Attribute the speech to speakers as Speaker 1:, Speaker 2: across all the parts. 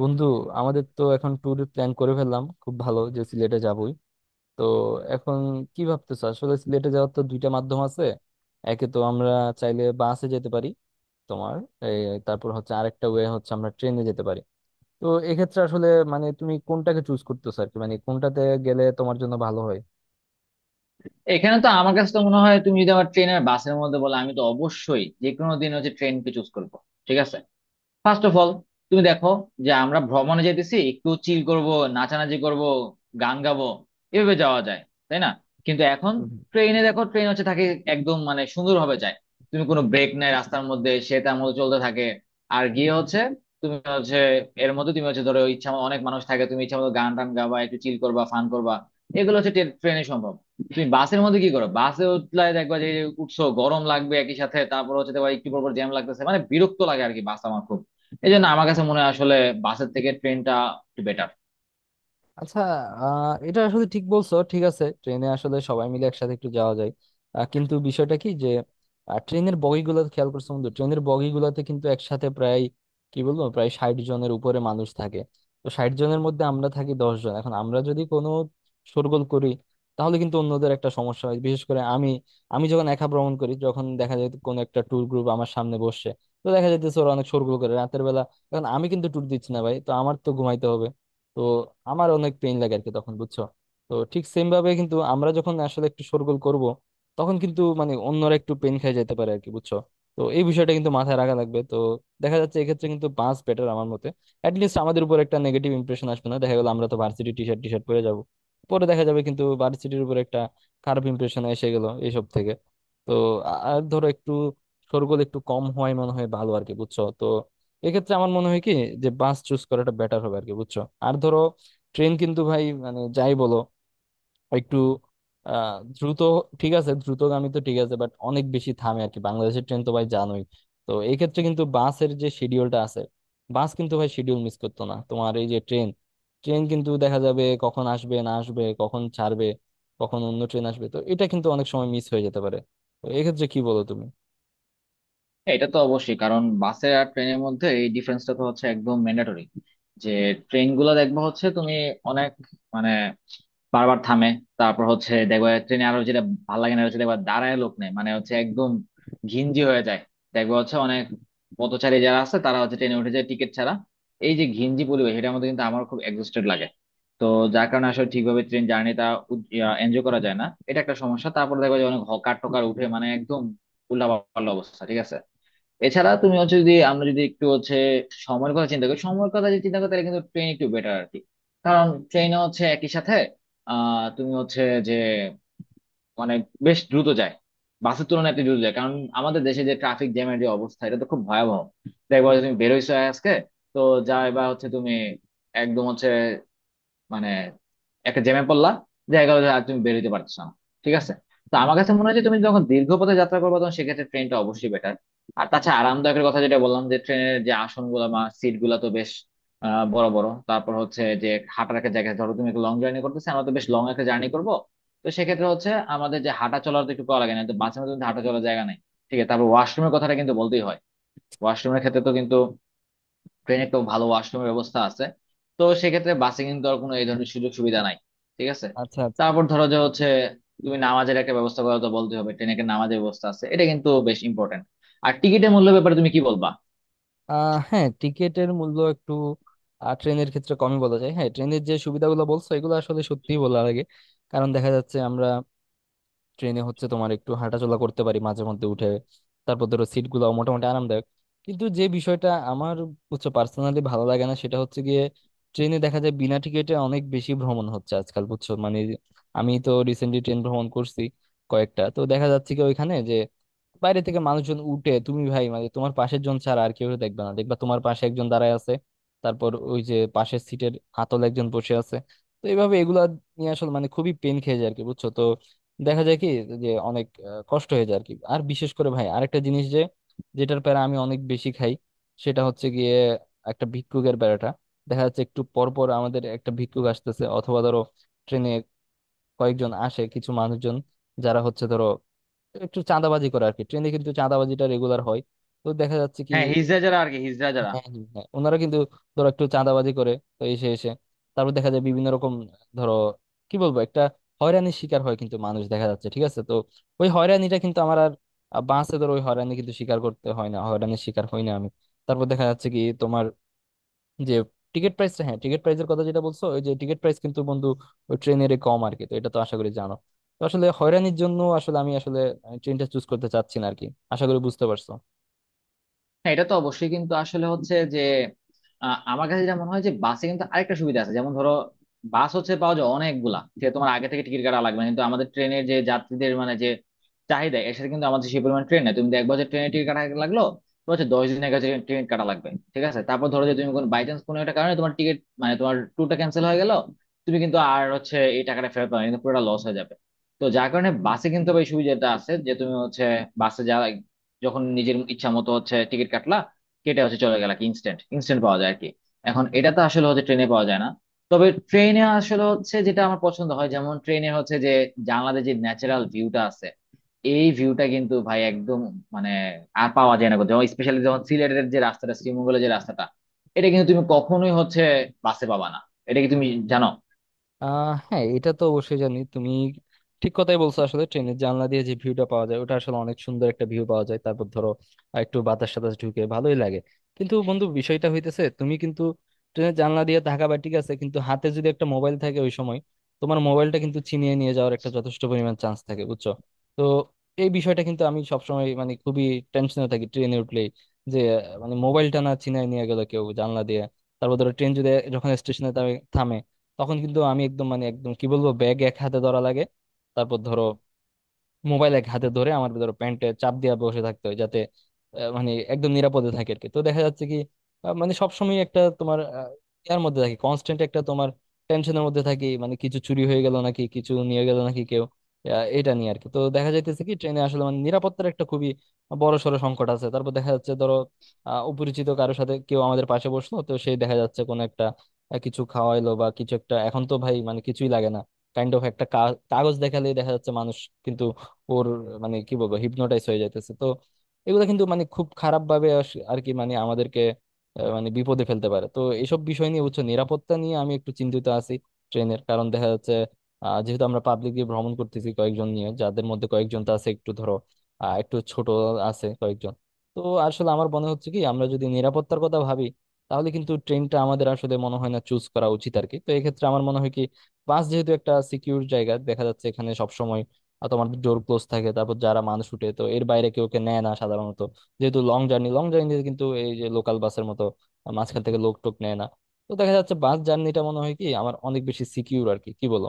Speaker 1: বন্ধু, আমাদের তো এখন ট্যুর প্ল্যান করে ফেললাম। খুব ভালো যে সিলেটে যাবই। তো এখন কি ভাবতেছো? আসলে সিলেটে যাওয়ার তো দুইটা মাধ্যম আছে। একে তো আমরা চাইলে বাসে যেতে পারি, তোমার এই তারপর হচ্ছে আরেকটা ওয়ে হচ্ছে আমরা ট্রেনে যেতে পারি। তো এক্ষেত্রে আসলে মানে তুমি কোনটাকে চুজ করতেছো আর কি, মানে কোনটাতে গেলে তোমার জন্য ভালো হয়?
Speaker 2: এখানে তো আমার কাছে তো মনে হয়, তুমি যদি আমার ট্রেন আর বাসের মধ্যে বলো, আমি তো অবশ্যই যে কোনো দিন হচ্ছে ট্রেনকে চুজ করবো। ঠিক আছে, ফার্স্ট অফ অল, তুমি দেখো যে আমরা ভ্রমণে যেতেছি, একটু চিল করব, নাচানাচি করব, গান গাবো, এভাবে যাওয়া যায়, তাই না? কিন্তু এখন ট্রেনে দেখো, ট্রেন হচ্ছে থাকে একদম মানে সুন্দরভাবে যায়। তুমি কোনো ব্রেক নাই রাস্তার মধ্যে, সে তার মতো চলতে থাকে। আর গিয়ে হচ্ছে তুমি হচ্ছে এর মধ্যে তুমি হচ্ছে ধরো, ইচ্ছা মতো- অনেক মানুষ থাকে, তুমি ইচ্ছা মতো গান টান গাবা, একটু চিল করবা, ফান করবা। এগুলো হচ্ছে ট্রেনে সম্ভব। তুমি বাসের মধ্যে কি করো? বাসে উঠলে দেখবা যে উঠছো গরম লাগবে একই সাথে, তারপর হচ্ছে তোমার একটু পর জ্যাম লাগতেছে, মানে বিরক্ত লাগে আর কি। বাস আমার খুব, এই জন্য আমার কাছে মনে হয় আসলে বাসের থেকে ট্রেনটা একটু বেটার।
Speaker 1: আচ্ছা। এটা আসলে ঠিক বলছো। ঠিক আছে, ট্রেনে আসলে সবাই মিলে একসাথে একটু যাওয়া যায়। কিন্তু বিষয়টা কি যে ট্রেনের বগিগুলো খেয়াল করছো বন্ধু? ট্রেনের বগিগুলোতে কিন্তু একসাথে প্রায়, কি বলবো, প্রায় 60 জনের উপরে মানুষ থাকে। তো 60 জনের মধ্যে আমরা থাকি 10 জন। এখন আমরা যদি কোনো শোরগোল করি তাহলে কিন্তু অন্যদের একটা সমস্যা হয়। বিশেষ করে আমি, যখন একা ভ্রমণ করি, যখন দেখা যায় কোনো একটা ট্যুর গ্রুপ আমার সামনে বসছে, তো দেখা যাইতেছে ওরা অনেক শোরগোল করে রাতের বেলা। এখন আমি কিন্তু ট্যুর দিচ্ছি না ভাই, তো আমার তো ঘুমাইতে হবে। তো আমার অনেক পেইন লাগে আর কি তখন, বুঝছো? তো ঠিক সেম ভাবে কিন্তু আমরা যখন আসলে একটু শোরগোল করব, তখন কিন্তু মানে অন্যরা একটু পেন খেয়ে যেতে পারে আর কি, বুঝছো? তো এই বিষয়টা কিন্তু মাথায় রাখা লাগবে। তো দেখা যাচ্ছে এক্ষেত্রে কিন্তু বাস বেটার আমার মতে। অ্যাটলিস্ট আমাদের উপর একটা নেগেটিভ ইমপ্রেশন আসবে না। দেখা গেল আমরা তো ভার্সিটি টি শার্ট পরে যাবো, পরে দেখা যাবে কিন্তু ভার্সিটির উপর একটা খারাপ ইমপ্রেশন এসে গেল এইসব থেকে। তো আর ধরো একটু শোরগোল একটু কম হয় মনে হয় ভালো আর কি, বুঝছো? তো এক্ষেত্রে আমার মনে হয় কি, যে বাস চুজ করাটা বেটার হবে আর কি, বুঝছো? আর ধরো ট্রেন কিন্তু ভাই মানে যাই বলো, একটু দ্রুত, ঠিক আছে দ্রুতগামী তো ঠিক আছে, বাট অনেক বেশি থামে আর কি, বাংলাদেশের ট্রেন তো ভাই জানোই। তো এই ক্ষেত্রে কিন্তু বাসের যে শিডিউলটা আছে, বাস কিন্তু ভাই শিডিউল মিস করতো না। তোমার এই যে ট্রেন ট্রেন কিন্তু দেখা যাবে কখন আসবে না আসবে, কখন ছাড়বে, কখন অন্য ট্রেন আসবে, তো এটা কিন্তু অনেক সময় মিস হয়ে যেতে পারে। তো এক্ষেত্রে কি বলো তুমি?
Speaker 2: হ্যাঁ, এটা তো অবশ্যই, কারণ বাসে আর ট্রেনের মধ্যে এই ডিফারেন্সটা তো হচ্ছে একদম ম্যান্ডেটরি, যে ট্রেন গুলো দেখবো হচ্ছে তুমি অনেক মানে বারবার থামে। তারপর হচ্ছে দেখবা, ট্রেনে আরো যেটা ভালো লাগে না হচ্ছে দেখবা দাঁড়ায় লোক নেই, মানে হচ্ছে একদম ঘিঞ্জি হয়ে যায়। দেখবা হচ্ছে অনেক পথচারী যারা আছে তারা হচ্ছে ট্রেনে উঠে যায় টিকিট ছাড়া। এই যে ঘিঞ্জি পরিবেশ, এটার মধ্যে কিন্তু আমার খুব এক্সস্টেড লাগে। তো যার কারণে আসলে ঠিকভাবে ট্রেন জার্নিটা এনজয় করা যায় না, এটা একটা সমস্যা। তারপর দেখবা যে অনেক হকার টকার উঠে মানে একদম উল্লাপাল্লা অবস্থা। ঠিক আছে, এছাড়া তুমি হচ্ছে যদি আমরা যদি একটু হচ্ছে সময়ের কথা চিন্তা করি, সময়ের কথা যদি চিন্তা করি, তাহলে কিন্তু ট্রেন একটু বেটার আর কি। কারণ ট্রেনে হচ্ছে একই সাথে তুমি হচ্ছে যে মানে বেশ দ্রুত যায়, বাসের তুলনায় একটু দ্রুত যায়। কারণ আমাদের দেশে যে ট্রাফিক জ্যামের যে অবস্থা, এটা তো খুব ভয়াবহ। দেখবো যে তুমি বেরোইছো আজকে, তো যা এবার হচ্ছে তুমি একদম হচ্ছে মানে একটা জ্যামে পড়লা, দেখা গেলো যে আর তুমি বের হইতে পারছো না। ঠিক আছে, তো আমার কাছে মনে হয় যে তুমি যখন দীর্ঘ পথে যাত্রা করবে তখন সেক্ষেত্রে ট্রেনটা অবশ্যই বেটার। আর তাছাড়া আরামদায়কের কথা যেটা বললাম, যে ট্রেনের যে আসন গুলা বা সিট গুলা তো বেশ বড় বড়। তারপর হচ্ছে যে হাঁটার একটা জায়গায় ধরো, তুমি একটা লং জার্নি করতেছো, আমরা তো বেশ লং একটা জার্নি করবো। তো সেক্ষেত্রে হচ্ছে আমাদের যে হাঁটা চলার তো একটু করা লাগে, না তো বাসের মধ্যে কিন্তু হাঁটা চলার জায়গা নেই। ঠিক আছে, তারপর ওয়াশরুমের কথাটা কিন্তু বলতেই হয়। ওয়াশরুমের ক্ষেত্রে তো কিন্তু ট্রেনে তো ভালো ওয়াশরুমের ব্যবস্থা আছে। তো সেক্ষেত্রে বাসে কিন্তু আর কোনো এই ধরনের সুযোগ সুবিধা নাই। ঠিক আছে,
Speaker 1: আচ্ছা আচ্ছা।
Speaker 2: তারপর ধরো যে হচ্ছে তুমি নামাজের একটা ব্যবস্থা করা তো বলতে হবে, ট্রেনে একটা নামাজের ব্যবস্থা আছে, এটা কিন্তু বেশ ইম্পর্টেন্ট। আর টিকিটের মূল্য ব্যাপারে তুমি কি বলবা?
Speaker 1: হ্যাঁ, টিকেটের মূল্য একটু ট্রেনের ক্ষেত্রে কমই বলা যায়। হ্যাঁ, ট্রেনের যে সুবিধাগুলো বলছো এগুলো আসলে সত্যিই বলা লাগে। কারণ দেখা যাচ্ছে আমরা ট্রেনে হচ্ছে তোমার একটু হাঁটাচলা করতে পারি মাঝে মধ্যে উঠে। তারপর ধরো সিট গুলো মোটামুটি আরামদায়ক। কিন্তু যে বিষয়টা আমার হচ্ছে পার্সোনালি ভালো লাগে না সেটা হচ্ছে গিয়ে, ট্রেনে দেখা যায় বিনা টিকিটে অনেক বেশি ভ্রমণ হচ্ছে আজকাল, বুঝছো মানে? আমি তো রিসেন্টলি ট্রেন ভ্রমণ করছি কয়েকটা, তো দেখা যাচ্ছে কি ওইখানে যে বাইরে থেকে মানুষজন উঠে, তুমি ভাই মানে তোমার পাশের জন ছাড়া আর কেউ দেখবে না, দেখবা তোমার পাশে একজন দাঁড়ায় আছে, তারপর ওই যে পাশের সিটের হাতল একজন বসে আছে। তো এইভাবে এগুলা নিয়ে আসলে মানে খুবই পেন খেয়ে যায় আর কি, বুঝছো? তো দেখা যায় কি, যে অনেক কষ্ট হয়ে যায় আর কি। আর বিশেষ করে ভাই আরেকটা জিনিস, যে যেটার প্যারা আমি অনেক বেশি খাই, সেটা হচ্ছে গিয়ে একটা ভিক্ষুকের প্যারাটা। দেখা যাচ্ছে একটু পর পর আমাদের একটা ভিক্ষুক আসতেছে, অথবা ধরো ট্রেনে কয়েকজন আসে কিছু মানুষজন যারা হচ্ছে ধরো একটু চাঁদাবাজি করে আর কি, ট্রেনে কিন্তু চাঁদাবাজিটা রেগুলার হয়। তো দেখা যাচ্ছে কি।
Speaker 2: হ্যাঁ, হিজড়া যারা আর কি, হিজড়া
Speaker 1: হ্যাঁ,
Speaker 2: যারা।
Speaker 1: হ্যাঁ, হ্যাঁ। ওনারা কিন্তু ধরো একটু চাঁদাবাজি করে, তো এসে এসে তারপর দেখা যায় বিভিন্ন রকম, ধরো, কি বলবো, একটা হয়রানির শিকার হয় কিন্তু মানুষ দেখা যাচ্ছে, ঠিক আছে? তো ওই হয়রানিটা কিন্তু আমার আর বাঁচে, ধরো ওই হয়রানি কিন্তু স্বীকার করতে হয় না, হয়রানির শিকার হই না আমি। তারপর দেখা যাচ্ছে কি তোমার যে টিকিট প্রাইসটা, হ্যাঁ টিকিট প্রাইসের কথা যেটা বলছো, ওই যে টিকিট প্রাইস কিন্তু বন্ধু ওই ট্রেনের কম আর কি, তো এটা তো আশা করি জানো। তো আসলে হয়রানির জন্য আসলে আমি আসলে ট্রেনটা চুজ করতে চাচ্ছি না আর কি, আশা করি বুঝতে পারছো।
Speaker 2: হ্যাঁ, এটা তো অবশ্যই, কিন্তু আসলে হচ্ছে যে আমার কাছে যেটা মনে হয় যে বাসে কিন্তু আরেকটা সুবিধা আছে, যেমন ধরো, বাস হচ্ছে পাওয়া যায় অনেকগুলা, যে তোমার আগে থেকে টিকিট কাটা লাগবে না। কিন্তু আমাদের ট্রেনের যে যাত্রীদের মানে যে চাহিদা, এর সাথে কিন্তু আমাদের সেই পরিমাণ ট্রেন নেই। তুমি দেখবা যে ট্রেনের টিকিট কাটা লাগলো, তো হচ্ছে 10 দিনের কাছে ট্রেন কাটা লাগবে। ঠিক আছে, তারপর ধরো যে তুমি কোন বাই চান্স কোনো একটা কারণে তোমার টিকিট মানে তোমার ট্যুরটা ক্যান্সেল হয়ে গেল, তুমি কিন্তু আর হচ্ছে এই টাকাটা ফেরত পাবে না, কিন্তু পুরোটা লস হয়ে যাবে। তো যার কারণে বাসে কিন্তু আবার এই সুবিধাটা আছে যে তুমি হচ্ছে বাসে যাওয়া, যখন নিজের ইচ্ছা মতো হচ্ছে টিকিট কাটলা, কেটে হচ্ছে চলে গেলা, কি ইনস্ট্যান্ট ইনস্ট্যান্ট পাওয়া যায় আর কি। এখন এটা তো আসলে হচ্ছে ট্রেনে পাওয়া যায় না। তবে ট্রেনে আসলে হচ্ছে যেটা আমার পছন্দ হয়, যেমন ট্রেনে হচ্ছে যে জানলাতে যে ন্যাচারাল ভিউটা আছে, এই ভিউটা কিন্তু ভাই একদম মানে আর পাওয়া যায় না। যেমন স্পেশালি যখন সিলেটের যে রাস্তাটা, শ্রীমঙ্গলের যে রাস্তাটা, এটা কিন্তু তুমি কখনোই হচ্ছে বাসে পাবা না। এটা কি তুমি জানো?
Speaker 1: হ্যাঁ, এটা তো অবশ্যই জানি। তুমি ঠিক কথাই বলছো, আসলে ট্রেনের জানলা দিয়ে যে ভিউটা পাওয়া যায় ওটা আসলে অনেক সুন্দর একটা ভিউ পাওয়া যায়। তারপর ধরো একটু বাতাস সাতাস ঢুকে ভালোই লাগে। কিন্তু বন্ধু বিষয়টা হইতেছে তুমি কিন্তু ট্রেনের জানলা দিয়ে তাকাবা, ঠিক আছে, কিন্তু হাতে যদি একটা মোবাইল থাকে ওই সময়, তোমার মোবাইলটা কিন্তু ছিনিয়ে নিয়ে যাওয়ার একটা যথেষ্ট পরিমাণ চান্স থাকে, বুঝছো? তো এই বিষয়টা কিন্তু আমি সবসময় মানে খুবই টেনশনে থাকি ট্রেনে উঠলেই, যে মানে মোবাইলটা না ছিনিয়ে নিয়ে গেল কেউ জানলা দিয়ে। তারপর ধরো ট্রেন যদি, যখন স্টেশনে থামে, তখন কিন্তু আমি একদম মানে একদম কি বলবো ব্যাগ এক হাতে ধরা লাগে, তারপর ধরো মোবাইল এক হাতে ধরে, আমার ধরো প্যান্টে চাপ দিয়ে বসে থাকতে হয় যাতে মানে একদম নিরাপদে থাকে আর কি। তো দেখা যাচ্ছে কি মানে সবসময় একটা তোমার ইয়ার মধ্যে থাকি, কনস্ট্যান্ট একটা তোমার টেনশনের মধ্যে থাকি, মানে কিছু চুরি হয়ে গেল নাকি, কিছু নিয়ে গেল নাকি কেউ, এটা নিয়ে আর কি। তো দেখা যাইতেছে কি ট্রেনে আসলে মানে নিরাপত্তার একটা খুবই বড় সড় সংকট আছে। তারপর দেখা যাচ্ছে ধরো অপরিচিত কারোর সাথে কেউ আমাদের পাশে বসলো, তো সেই দেখা যাচ্ছে কোনো একটা কিছু খাওয়াইলো বা কিছু একটা, এখন তো ভাই মানে কিছুই লাগে না, কাইন্ড অফ একটা কাগজ দেখালেই দেখা যাচ্ছে মানুষ কিন্তু ওর মানে কি বলবো হিপনোটাইজ হয়ে যাইতেছে। তো এগুলো কিন্তু মানে খুব খারাপ ভাবে আর কি, মানে আমাদেরকে মানে বিপদে ফেলতে পারে। তো এইসব বিষয় নিয়ে, উচ্চ নিরাপত্তা নিয়ে আমি একটু চিন্তিত আছি ট্রেনের, কারণ দেখা যাচ্ছে যেহেতু আমরা পাবলিকলি ভ্রমণ করতেছি কয়েকজন নিয়ে, যাদের মধ্যে কয়েকজন তো আছে একটু ধরো একটু ছোট আছে কয়েকজন। তো আসলে আমার মনে হচ্ছে কি, আমরা যদি নিরাপত্তার কথা ভাবি তাহলে কিন্তু ট্রেনটা আমাদের আসলে মনে হয় না চুজ করা উচিত আর কি। তো এক্ষেত্রে আমার মনে হয় কি, বাস যেহেতু একটা সিকিউর জায়গা দেখা যাচ্ছে, এখানে সবসময় আর তোমার ডোর ক্লোজ থাকে, তারপর যারা মানুষ উঠে, তো এর বাইরে কেউ কে নেয় না সাধারণত, যেহেতু লং জার্নি। লং জার্নিতে কিন্তু এই যে লোকাল বাসের মতো মাঝখান থেকে লোক টোক নেয় না। তো দেখা যাচ্ছে বাস জার্নিটা মনে হয় কি আমার অনেক বেশি সিকিউর আর কি, কি বলো?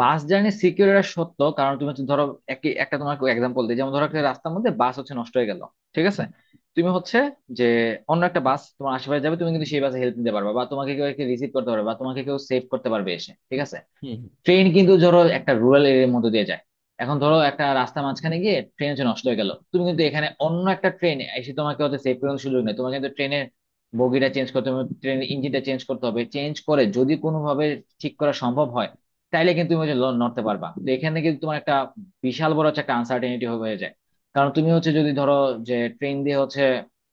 Speaker 2: বাস জার্নি সিকিউর এটা সত্য, কারণ তুমি হচ্ছে ধরো, একই একটা তোমাকে এক্সাম্পল দিই, যেমন ধরো একটা রাস্তার মধ্যে বাস হচ্ছে নষ্ট হয়ে গেল। ঠিক আছে, তুমি হচ্ছে যে অন্য একটা বাস তোমার আশেপাশে যাবে, তুমি কিন্তু সেই বাসে হেল্প নিতে পারবে, বা তোমাকে কেউ রিসিভ করতে পারবে, বা তোমাকে কেউ সেভ করতে পারবে এসে। ঠিক আছে, ট্রেন কিন্তু ধরো একটা রুরাল এরিয়ার মধ্যে দিয়ে যায়, এখন ধরো একটা রাস্তা মাঝখানে গিয়ে ট্রেন হচ্ছে নষ্ট হয়ে গেল, তুমি কিন্তু এখানে অন্য একটা ট্রেন এসে তোমাকে হচ্ছে সেভ করার সুযোগ নেই। তোমাকে কিন্তু ট্রেনের বগিটা চেঞ্জ করতে হবে, ট্রেনের ইঞ্জিনটা চেঞ্জ করতে হবে, চেঞ্জ করে যদি কোনোভাবে ঠিক করা সম্ভব হয়, তাইলে কিন্তু তুমি হচ্ছে নড়তে পারবা। তো এখানে কিন্তু তোমার একটা বিশাল বড় হচ্ছে একটা আনসার্টেনিটি হয়ে যায়। কারণ তুমি হচ্ছে যদি ধরো যে ট্রেন দিয়ে হচ্ছে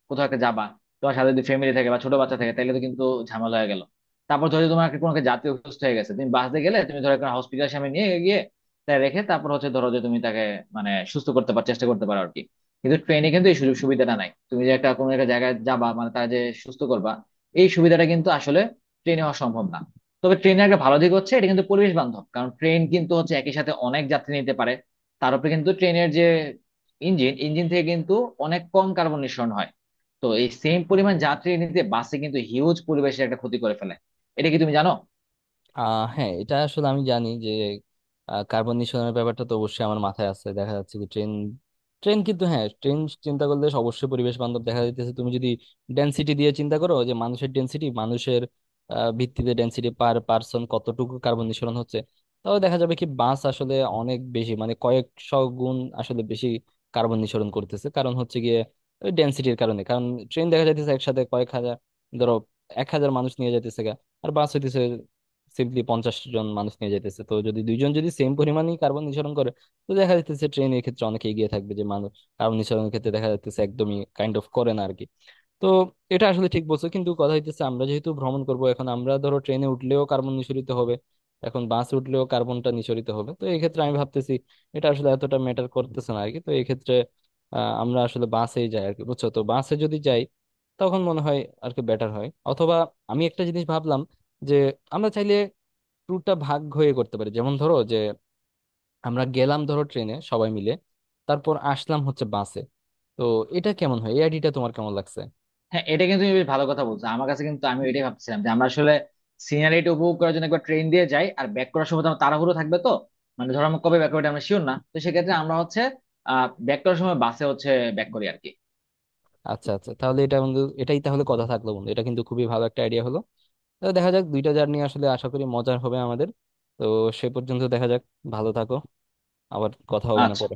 Speaker 2: কোথাও একটা যাবা, তোমার সাথে যদি ফ্যামিলি থাকে বা ছোট বাচ্চা থাকে, তাহলে তো কিন্তু ঝামেলা হয়ে গেল। তারপর ধরো তোমার একটা কোনো একটা জাতীয় অসুস্থ হয়ে গেছে, তুমি বাসে গেলে তুমি ধরো একটা হসপিটাল সামনে নিয়ে গিয়ে তাই রেখে, তারপর হচ্ছে ধরো যে তুমি তাকে মানে সুস্থ করতে পার, চেষ্টা করতে পারো আর কি। কিন্তু ট্রেনে কিন্তু এই সুযোগ সুবিধাটা নাই। তুমি যে একটা কোনো একটা জায়গায় যাবা, মানে তার যে সুস্থ করবা, এই সুবিধাটা কিন্তু আসলে ট্রেনে হওয়া সম্ভব না। তবে ট্রেনের একটা ভালো দিক হচ্ছে এটা কিন্তু পরিবেশ বান্ধব, কারণ ট্রেন কিন্তু হচ্ছে একই সাথে অনেক যাত্রী নিতে পারে। তার উপরে কিন্তু ট্রেনের যে ইঞ্জিন ইঞ্জিন থেকে কিন্তু অনেক কম কার্বন নিঃসরণ হয়। তো এই সেম পরিমাণ যাত্রী নিতে বাসে কিন্তু হিউজ পরিবেশের একটা ক্ষতি করে ফেলে। এটা কি তুমি জানো?
Speaker 1: হ্যাঁ, এটা আসলে আমি জানি যে কার্বন নিঃসরণের ব্যাপারটা তো অবশ্যই আমার মাথায় আছে। দেখা যাচ্ছে কি ট্রেন ট্রেন কিন্তু, হ্যাঁ, ট্রেন চিন্তা করলে অবশ্যই পরিবেশ বান্ধব। দেখা যাইতেছে তুমি যদি ডেনসিটি দিয়ে চিন্তা করো, যে মানুষের ডেনসিটি, মানুষের ভিত্তিতে ডেনসিটি পার পার্সন কতটুকু কার্বন নিঃসরণ হচ্ছে, তাহলে দেখা যাবে কি বাস আসলে অনেক বেশি মানে কয়েকশো গুণ আসলে বেশি কার্বন নিঃসরণ করতেছে। কারণ হচ্ছে গিয়ে ওই ডেনসিটির কারণে, কারণ ট্রেন দেখা যাইতেছে একসাথে কয়েক হাজার, ধরো 1,000 মানুষ নিয়ে যাইতেছে গা, আর বাস হইতেছে সিম্পলি 50 জন মানুষ নিয়ে যেতেছে। তো যদি দুইজন যদি সেম পরিমাণই কার্বন নিঃসরণ করে, তো দেখা যাচ্ছে ট্রেন এর ক্ষেত্রে অনেক এগিয়ে থাকবে, যে মানুষ কার্বন নিঃসরণের ক্ষেত্রে দেখা যাচ্ছে একদমই কাইন্ড অফ করে না আর কি। তো এটা আসলে ঠিক বলছো, কিন্তু কথা হইতেছে আমরা যেহেতু ভ্রমণ করব, এখন আমরা ধরো ট্রেনে উঠলেও কার্বন নিঃসরিত হবে, এখন বাস উঠলেও কার্বনটা নিঃসরিত হবে। তো এই ক্ষেত্রে আমি ভাবতেছি এটা আসলে এতটা ম্যাটার করতেছে না আর কি। তো এই ক্ষেত্রে আমরা আসলে বাসেই যাই আর কি, বুঝছো? তো বাসে যদি যাই তখন মনে হয় আর কি বেটার হয়। অথবা আমি একটা জিনিস ভাবলাম, যে আমরা চাইলে ট্যুরটা ভাগ হয়ে করতে পারি। যেমন ধরো যে আমরা গেলাম ধরো ট্রেনে সবাই মিলে, তারপর আসলাম হচ্ছে বাসে। তো এটা কেমন হয়? এই আইডিয়াটা তোমার কেমন লাগছে?
Speaker 2: হ্যাঁ, এটা কিন্তু তুমি বেশ ভালো কথা বলছো, আমার কাছে কিন্তু আমি এটাই ভাবছিলাম যে আমরা আসলে সিনারিটা উপভোগ করার জন্য একবার ট্রেন দিয়ে যাই, আর ব্যাক করার সময় তো আমার তাড়াহুড়ো থাকবে। তো মানে ধরো আমরা কবে ব্যাক করবে আমরা শিওর না, তো সেক্ষেত্রে আমরা হচ্ছে ব্যাক করার সময় বাসে হচ্ছে ব্যাক করি আর কি।
Speaker 1: আচ্ছা আচ্ছা, তাহলে এটা বন্ধু, এটাই তাহলে কথা থাকলো বন্ধু, এটা কিন্তু খুবই ভালো একটা আইডিয়া হলো। তো দেখা যাক, দুইটা জার্নি আসলে আশা করি মজার হবে আমাদের। তো সে পর্যন্ত দেখা যাক। ভালো থাকো, আবার কথা হবে না
Speaker 2: আচ্ছা।
Speaker 1: পরে।